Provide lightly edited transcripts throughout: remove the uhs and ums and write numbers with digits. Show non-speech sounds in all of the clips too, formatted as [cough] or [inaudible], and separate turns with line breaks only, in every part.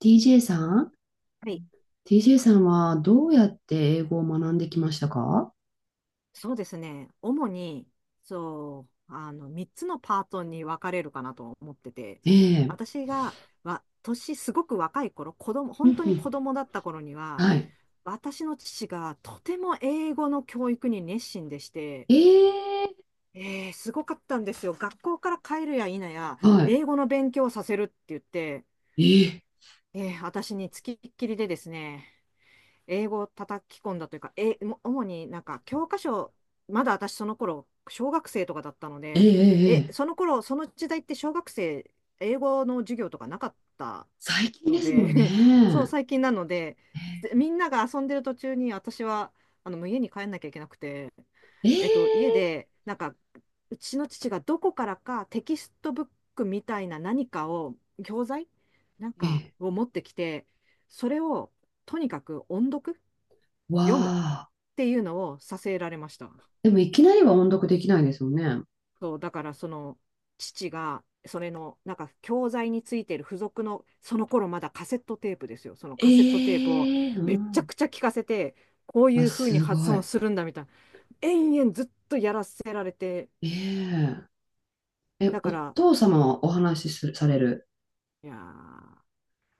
TJ さん。
はい、
TJ さんはどうやって英語を学んできましたか？
そうですね。主に、3つのパートに分かれるかなと思ってて、
ええ。
私が、わ、年すごく若い頃、
う
本
ん
当
う
に
ん。
子供だった頃には、
はい。
私の父がとても英語の教育に熱心でして、
ええ。
すごかったんですよ。学校から帰るや否や、
はい。
英語の勉強をさせるって言って、
ええ。
私につきっきりでですね、英語を叩き込んだというか、主になんか教科書、まだ私その頃、小学生とかだったの
え
で、
え。え
そ
え、
の頃、その時代って小学生、英語の授業とかなかった
最近
の
ですもん
で、[laughs] そう、
ね。
最近なので、でみんなが遊んでる途中に私は、もう家に帰んなきゃいけなくて、
ええ。
家で、うちの父がどこからかテキストブックみたいな何かを、教材なん
え
か
え。
を持ってきて、それをとにかく音読
わ
読む
あ。
っていうのをさせられました。
でもいきなりは音読できないですよね。
そう、だからその父が、それのなんか教材についてる付属の、その頃まだカセットテープですよ。その
え
カセットテープを
え。う
めっちゃ
ん。
くちゃ聞かせて、こうい
あ、
う風に
す
発
ご
音
い。
するんだみたいな、延々ずっとやらせられて、
ええ。え、
だか
お
ら、
父様はお話しする、される。
いやー、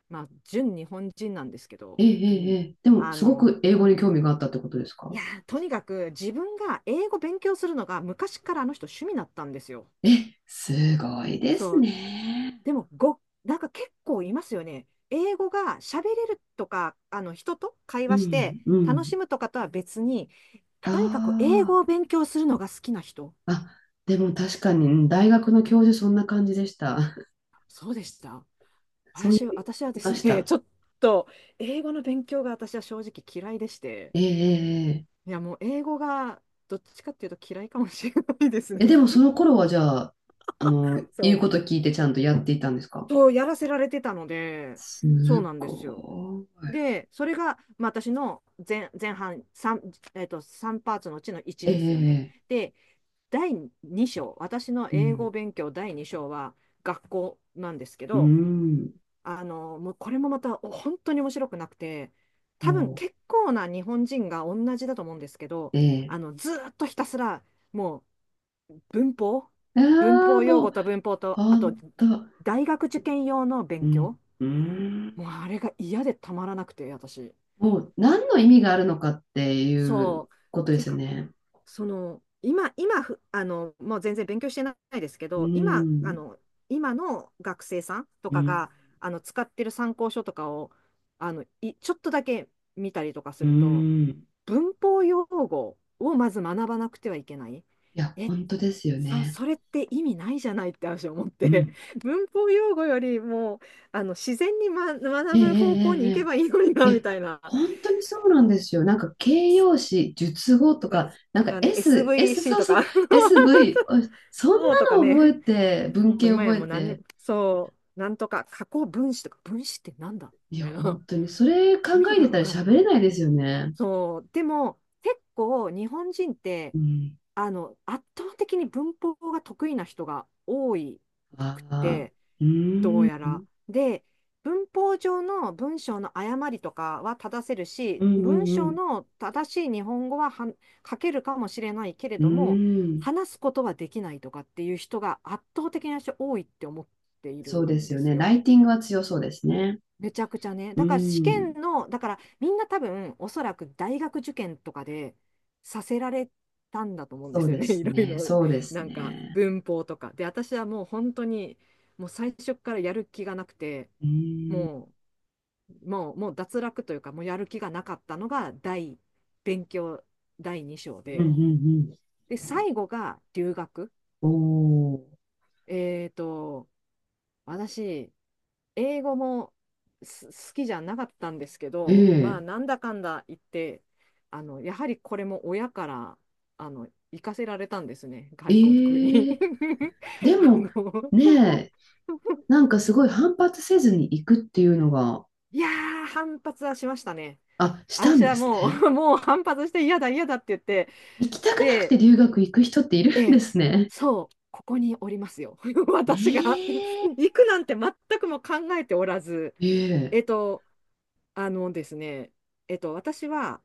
まあ、純日本人なんですけ
ええ。
ど、
え
う
え。
ん、
ええでも、
あ
すご
の、
く英語に興味があったってことですか？
とにかく自分が英語勉強するのが昔からあの人趣味だったんですよ。
え、すごいです
そう
ね。
でも、ご、なんか結構いますよね。英語が喋れるとか、人と会
う
話して
ん、う
楽し
ん。
むとかとは別に、とにかく英
あ
語を勉強するのが好きな人。
あ、あ、でも確かに大学の教授そんな感じでした。
そうでした。
[laughs] そういう、
私は
い
で
ま
す
し
ね、[laughs]
た。
ちょっと英語の勉強が私は正直嫌いでして、
えええええ
いやもう英語がどっちかっていうと嫌いかもしれないですね。
え。えでもその頃はじゃあ、あの、
そ
言う
う。
こと聞いてちゃんとやっていたんですか？
そうやらせられてたので、そう
す
なんですよ。
ご
で、それが、まあ、私の前、前半 3、 3パーツのうちの1ですよね。
い。ええ。
で、第2章、私の
う
英
ん、
語勉強第2章は学校なんですけ
う
ど、
ん、
もうこれもまた本当に面白くなくて、多
ほ
分結構な日本人が同じだと思うんですけど、
う、ええ、
ずーっとひたすらも文法、文
ああ、
法用
も
語
う、
と文法と、あ
ほ
と
んと、
大学受験用の
う
勉
ん、
強、
うん。
もうあれが嫌でたまらなくて、私。
もう何の意味があるのかっていう
そう。
こと
っ
で
ていう
すよ
か、
ね。
今、ふあの、もう全然勉強してないですけ
う
ど、
ん。
今の学生さんと
う
か
ん、
が、使ってる参考書とかを、ちょっとだけ見たりとかす
う
ると、
ん、い
文法用語をまず学ばなくてはいけない。
や、
え、
本当ですよね。
それって意味ないじゃないって私思っ
う
て、
ん、
[laughs] 文法用語よりも、自然に、
え
学
え
ぶ
え
方向に行け
え
ばいいのにな、
ええ。いや、
みたいな。
本当にそうなんですよ。なんか形容詞、述語
と
と
か、
か、な
と
んか
かね、
S、S、
SVC
そう
と
そう、
か [laughs]
SV、お、そん
そうと
な
か
の
ね、
覚えて、
も
文
う
系
今や
覚え
もう何
て、
に、そう、なんとか、加工分子とか、分子ってなんだみ
いや、
たい
本
な、
当に、それ考
[laughs] 意味
え
が
て
わ
たら
から
喋
ない
れ
っ
ない
て
で
い
す
う。
よね。
そう、でも、結構、日本人って、
うん。
圧倒的に文法が得意な人が多い
あ
くっ
あ、
て、
うー
どう
ん、
やら。で、文法上の文章の誤りとかは正せる
う
し、
ん、う
文
ん、う
章
ん。
の正しい日本語は書けるかもしれないけれ
う
ども、
ん、
話すことはできないとかっていう人が圧倒的な人多いって思っている
そうで
ん
す
で
よ
す
ね。ラ
よ。
イティングは強そうですね。
めちゃくちゃね。
う
だから試
ん。
験の、だからみんな多分おそらく大学受験とかでさせられたんだと思うんで
そう
すよ
で
ね。[laughs] い
す
ろい
ね。
ろ
そうです
なんか
ね。
文法とか。で、私はもう本当にもう最初からやる気がなくて。
うん。
ももう脱落というか、もうやる気がなかったのが勉強第2章
うんう
で、
ん
で、最後が留学。
うん。おお。
えっと、私、英語も好きじゃなかったんですけ
え
ど、まあ、
え。
なんだかんだ言って、やはりこれも親から、行かせられたんですね、
え
外国に。
え。
[laughs]
で
あ
も、
の
ねえ、なんかすごい反発せずに行くっていうのが、
いやー、反発はしましたね。
あ、した
私
んで
は
す
も
ね。
う、もう反発して嫌だ嫌だって言って、
行きたくなくて
で、
留学行く人っている
え
んで
え、
すね。
そう、ここにおりますよ。[laughs]
え
私が
え。
[laughs] 行くなんて全くも考えておらず、
え
え
え。
っと、あのですね、えっと、私は、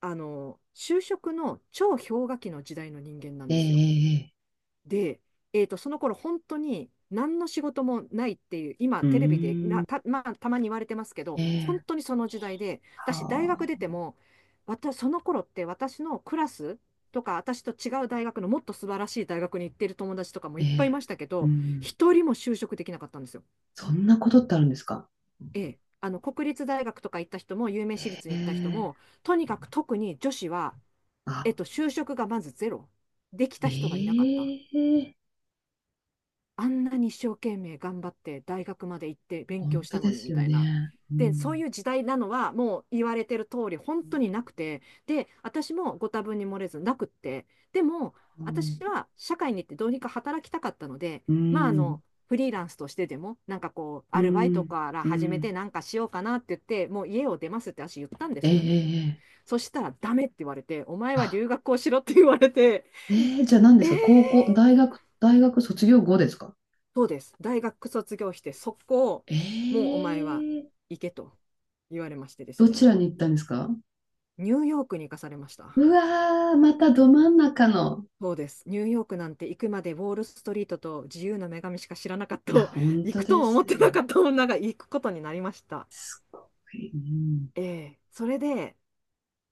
あの、就職の超氷河期の時代の人間なん
え
ですよ。
え。ええ、
で、その頃本当に何の仕事もないっていう、今
う
テレビで
ーん。
まあ、たまに言われてますけ
え
ど、本
え。
当にその時代で、私大
は
学出て
あ。
も、私その頃って私のクラスとか、私と違う大学のもっと素晴らしい大学に行ってる友達とかも
え
いっぱいい
え。
ましたけ
う
ど、
ん。
一人も就職できなかったんですよ。
そんなことってあるんですか。
ええ。あの国立大学とか行った人も、有名私
え
立に行った人も、
え。
とにかく特に女子は、
あ、
就職がまずゼロ。でき
え
た人がいなかった。
え、
あんなに一生懸命頑張って大学まで行って勉
本
強し
当
たの
で
に
す
み
よ
たいな。
ね。う
で、そう
ん。
いう時代なのはもう言われてる通り本当になくて、で、私もご多分に漏れずなくって、でも
うん。
私は社会に行ってどうにか働きたかったので、
う
まああ
ん。
の、フリーランスとしてでも、
う
アルバイト
ん。
から
う
始めて
ん、
なんかしようかなって言って、もう家を出ますって私言ったんで
え
すよね。
えええ、
そしたらダメって言われて、お前は
あ、
留学をしろって言われて、
ええじゃあ何で
えー
すか？高校、大学、大学卒業後ですか？
そうです。大学卒業して、そこを、
え
もうお前は
え。
行けと言われましてです
どち
ね。
らに行ったんですか？
ニューヨークに行かされました。
うわー、またど真ん中の。
そうです。ニューヨークなんて行くまでウォールストリートと自由の女神しか知らなかった、
いや、
[laughs]
本
行
当
くと
で
も思っ
す
てな
よ。
かった女が行くことになりました。
うん。
ええ、それで、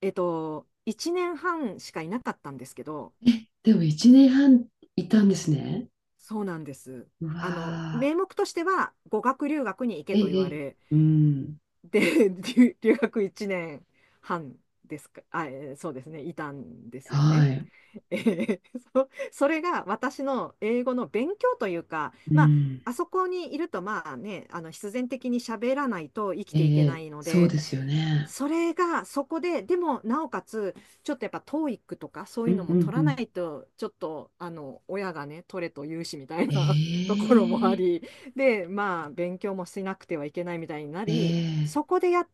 えっと、1年半しかいなかったんですけど、
え、でも1年半いたんですね。
そうなんです。
うわ
名目としては語学留学に行
ー。
け
え
と言
ええ
わ
え、
れ、
うん。
で、[laughs] 留学1年半ですか、そうですね、いたんですよ
は
ね。
い。
えーそれが私の英語の勉強というか、
う
まあ、
ん。
あそこにいると、まあね、必然的に喋らないと生きてい
え
けな
え、
いの
そう
で、
ですよね。
それがそこで、でもなおかつ、ちょっとやっぱトーイックとかそう
う
いう
ん
の
う
も取らな
ん、
いと、ちょっと親がね、取れと言うしみたいな [laughs] と
え
ころもあ
え、
り、で、まあ、勉強もしなくてはいけないみたいにな
え
り、
え、
そこでやっ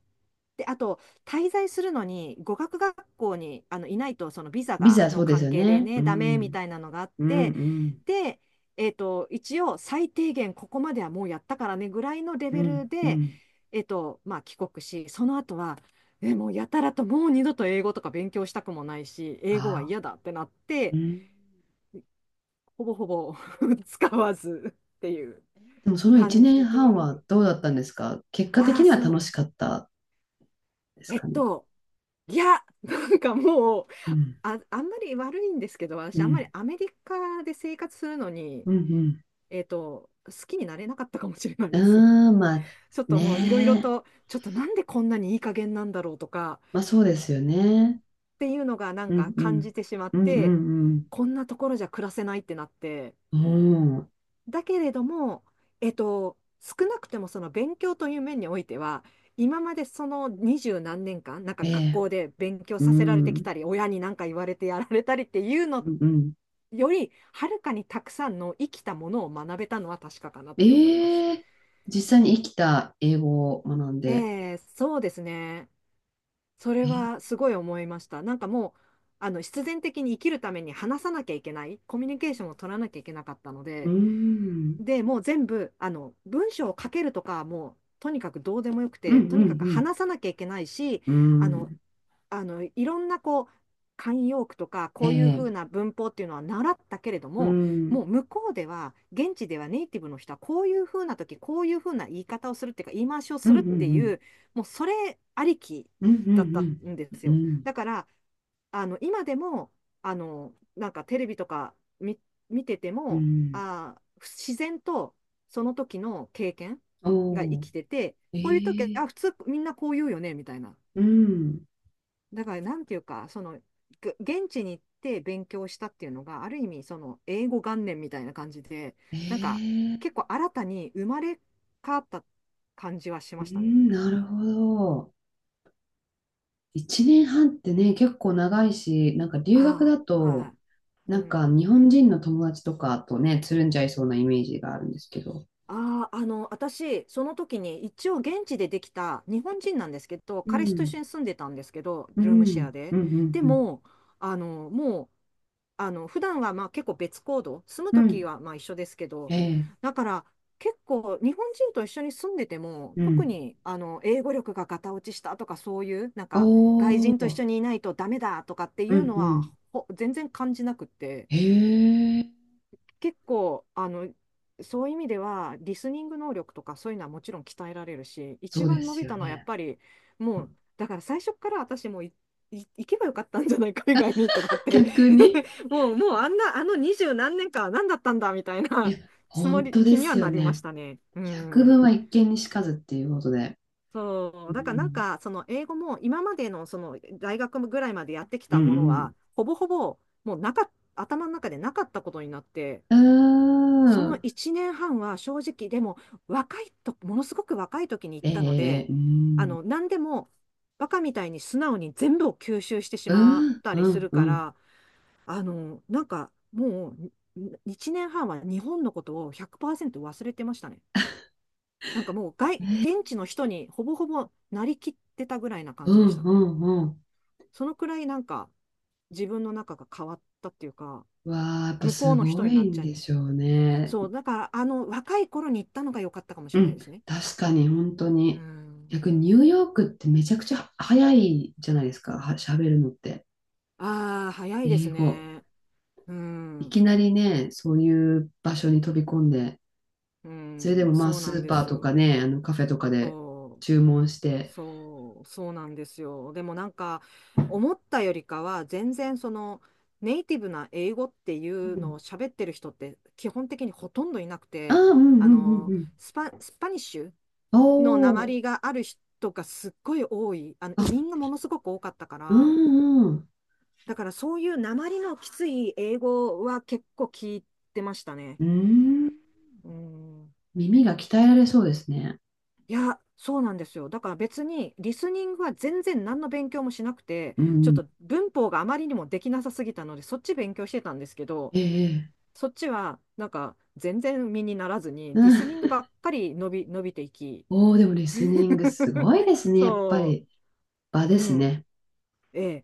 て、あと、滞在するのに語学学校にいないと、そのビザ
ビ
が
ザそ
の
うです
関
よ
係で
ね。う
ね、ダメみ
ん。
たいなのがあっ
うんう
て、
ん
で、一応、最低限ここまではもうやったからねぐらいのレ
う
ベル
んう
で、
ん、
まあ、帰国し、その後はもうやたらともう二度と英語とか勉強したくもないし、英語は
あ
嫌だってなっ
あー。
て、
うん。
ほぼほぼ [laughs] 使わずっていう
でもその1
感
年
じで。
半はんはどうだったんですか？結果
あ
的
あ、
には
そう、
楽しかったです
えっ
かね。
と、いや、[laughs] なんかもう、
うん
あんまり悪いんですけど、私、
う
あんまり
ん
アメリカで生活するのに、
うん
好きになれなかったかもしれない
う
です。[laughs]
ん、うーん、まあ、
ちょっともういろいろ
ねえ。
と、ちょっとなんでこんなにいい加減なんだろうとか、
まあそうですよね。
っていうのがなん
う
か
んう
感
ん
じてしまっ
う
て、
んうん
こんなところじゃ暮らせないってなって、
うんうん。
だけれども、少なくてもその勉強という面においては、今までその二十何年間、なんか
え
学
え。
校で勉強
う
させられてき
ん
たり、親に何か言われてやられたりっていうの
うんうん、
より、はるかにたくさんの生きたものを学べたのは確かかなって思います。
ええ、実際に生きた英語を学んで。
えー、そうですね。それ
え、
はすごい思いました。なんかもう、必然的に生きるために話さなきゃいけない、コミュニケーションを取らなきゃいけなかったの
う
で、
ん、
で、もう全部、文章を書けるとか、もう、とにかくどうでもよく
うん、う
て、とにかく
ん、
話さなきゃいけないし、
うん、
あ
う
の、
ん、
いろんなこう、慣用句とか、
え
こういうふ
え、
うな文法っていうのは習ったけれど
うん、
も、
う
も
ん、
う向こうでは、現地ではネイティブの人は、こういうふうな時、こういうふうな言い方をするっていうか、言い回しを
う
するってい
ん、
う、もうそれありき
うん、うん、
だっ
う
た
ん、
んです
うん、う
よ。
ん、
だから、今でも、なんかテレビとか見、見てて
う
も、
ん、
あー、自然とその時の経験が生
お
きてて、こういう時、
ー、え
あ、普
え、
通みんなこう言うよね、みたいな。
うん、
だから、なんていうか、その、現地に行って勉強したっていうのが、ある意味、その、英語元年みたいな感じで、なんか、
ええ、
結構新たに生まれ変わった感じはし
う
ましたね。
ん、なるほど。一年半ってね、結構長いし、なんか留学
あ
だ
あ、は
と、
い。う
なんか
ん。
日本人の友達とかとね、つるんじゃいそうなイメージがあるんですけど。
ああ、私、その時に、一応現地でできた日本人なんですけど、
う
彼氏と一緒
ん、
に住んでたんですけど、
う
ルームシェア
ん、う
で。
ん、うん、
で
うん。
も、あの、もう、あの、普段はまあ結構別行動、住む
う
とき
ん。
はまあ一緒ですけど、
ええ。
だから結構日本人と一緒に住んでても、
う
特
ん。
に英語力がガタ落ちしたとかそういう、なん
お
か外人と一
ー、
緒にいないとダメだとかってい
う
う
ん
の
うん。
は、全然感じなくって、
へえ。
結構、そういう意味では、リスニング能力とかそういうのはもちろん鍛えられるし、
そ
一
うで
番伸
す
び
よ
たのはやっ
ね。
ぱり、もう、だから最初から私もう行けばよかったんじゃない、海外にとかって
逆に。
[laughs] もう、もうあんな、あの二十何年間は何だったんだみたい
い
な
や、
つも
本
り、
当で
気には
すよ
なりまし
ね。
たね。う
百聞
ん。
は一見にしかずっていうことで。
そ
う
う、だからなん
ん。
か、その英語も今までのその大学ぐらいまでやってき
う
たもの
ん
は、ほぼほぼもうなかっ頭の中でなかったことになって、
う
そ
ん。うー
の
ん。
1年半は正直、でも若いと、ものすごく若い時に行っ
え
たの
え、
で、
うん。
何でもバカみたいに素直に全部を吸収してし
う
まっ
ん
たり
う
す
ん
る
う
か
ん。
ら、なんかもうに1年半は日本のことを100%忘れてましたね。なんかもう現地の人にほぼほぼなりきってたぐらいな感
う
じでし
ん
た。
うんうん。
そのくらいなんか自分の中が変わったっていうか、
わあ、やっぱ
向こ
す
うの人
ご
にな
い
っ
ん
ちゃっ
でしょうね。
そう、だからあの若い頃に行ったのが良かったかもし
う
れない
ん、
ですね。
確かに本当
う
に。
ん。
逆にニューヨークってめちゃくちゃ早いじゃないですか、は、喋るのって。
ああ、早いで
英
す
語。
ね。う
い
ん。
きなりね、そういう場所に飛び込んで、
う
それで
ん。
もまあ
そう
ス
なん
ー
で
パー
す
とか
よ。
ね、あのカフェとかで
そう。
注文して、
そう。そうなんですよ。でもなんか、思ったよりかは、全然その、ネイティブな英語ってい
う
うの
ん。
を喋ってる人って基本的にほとんどいなく
ああ、
て、
うんうんうん
スパニッシュ
うん。
の訛
おー、
りがある人がすっごい多い。移
あ、
民がものすごく多かったか
う
ら、
んうん。
だからそういう訛りのきつい英語は結構聞いてましたね。
うーん。
うん、
耳が鍛えられそうですね。
いや、そうなんですよ。だから別にリスニングは全然何の勉強もしなくて、
う
ちょっ
ん。
と文法があまりにもできなさすぎたので、そっち勉強してたんですけど、
ええ、
そっちはなんか全然身にならずに、
う
リ
ん。
スニングばっかり伸びていき、
おー、でもリスニングすご
[laughs]
いですね、やっぱ
そ
り。場
う、
で
う
す
ん、
ね。
ええ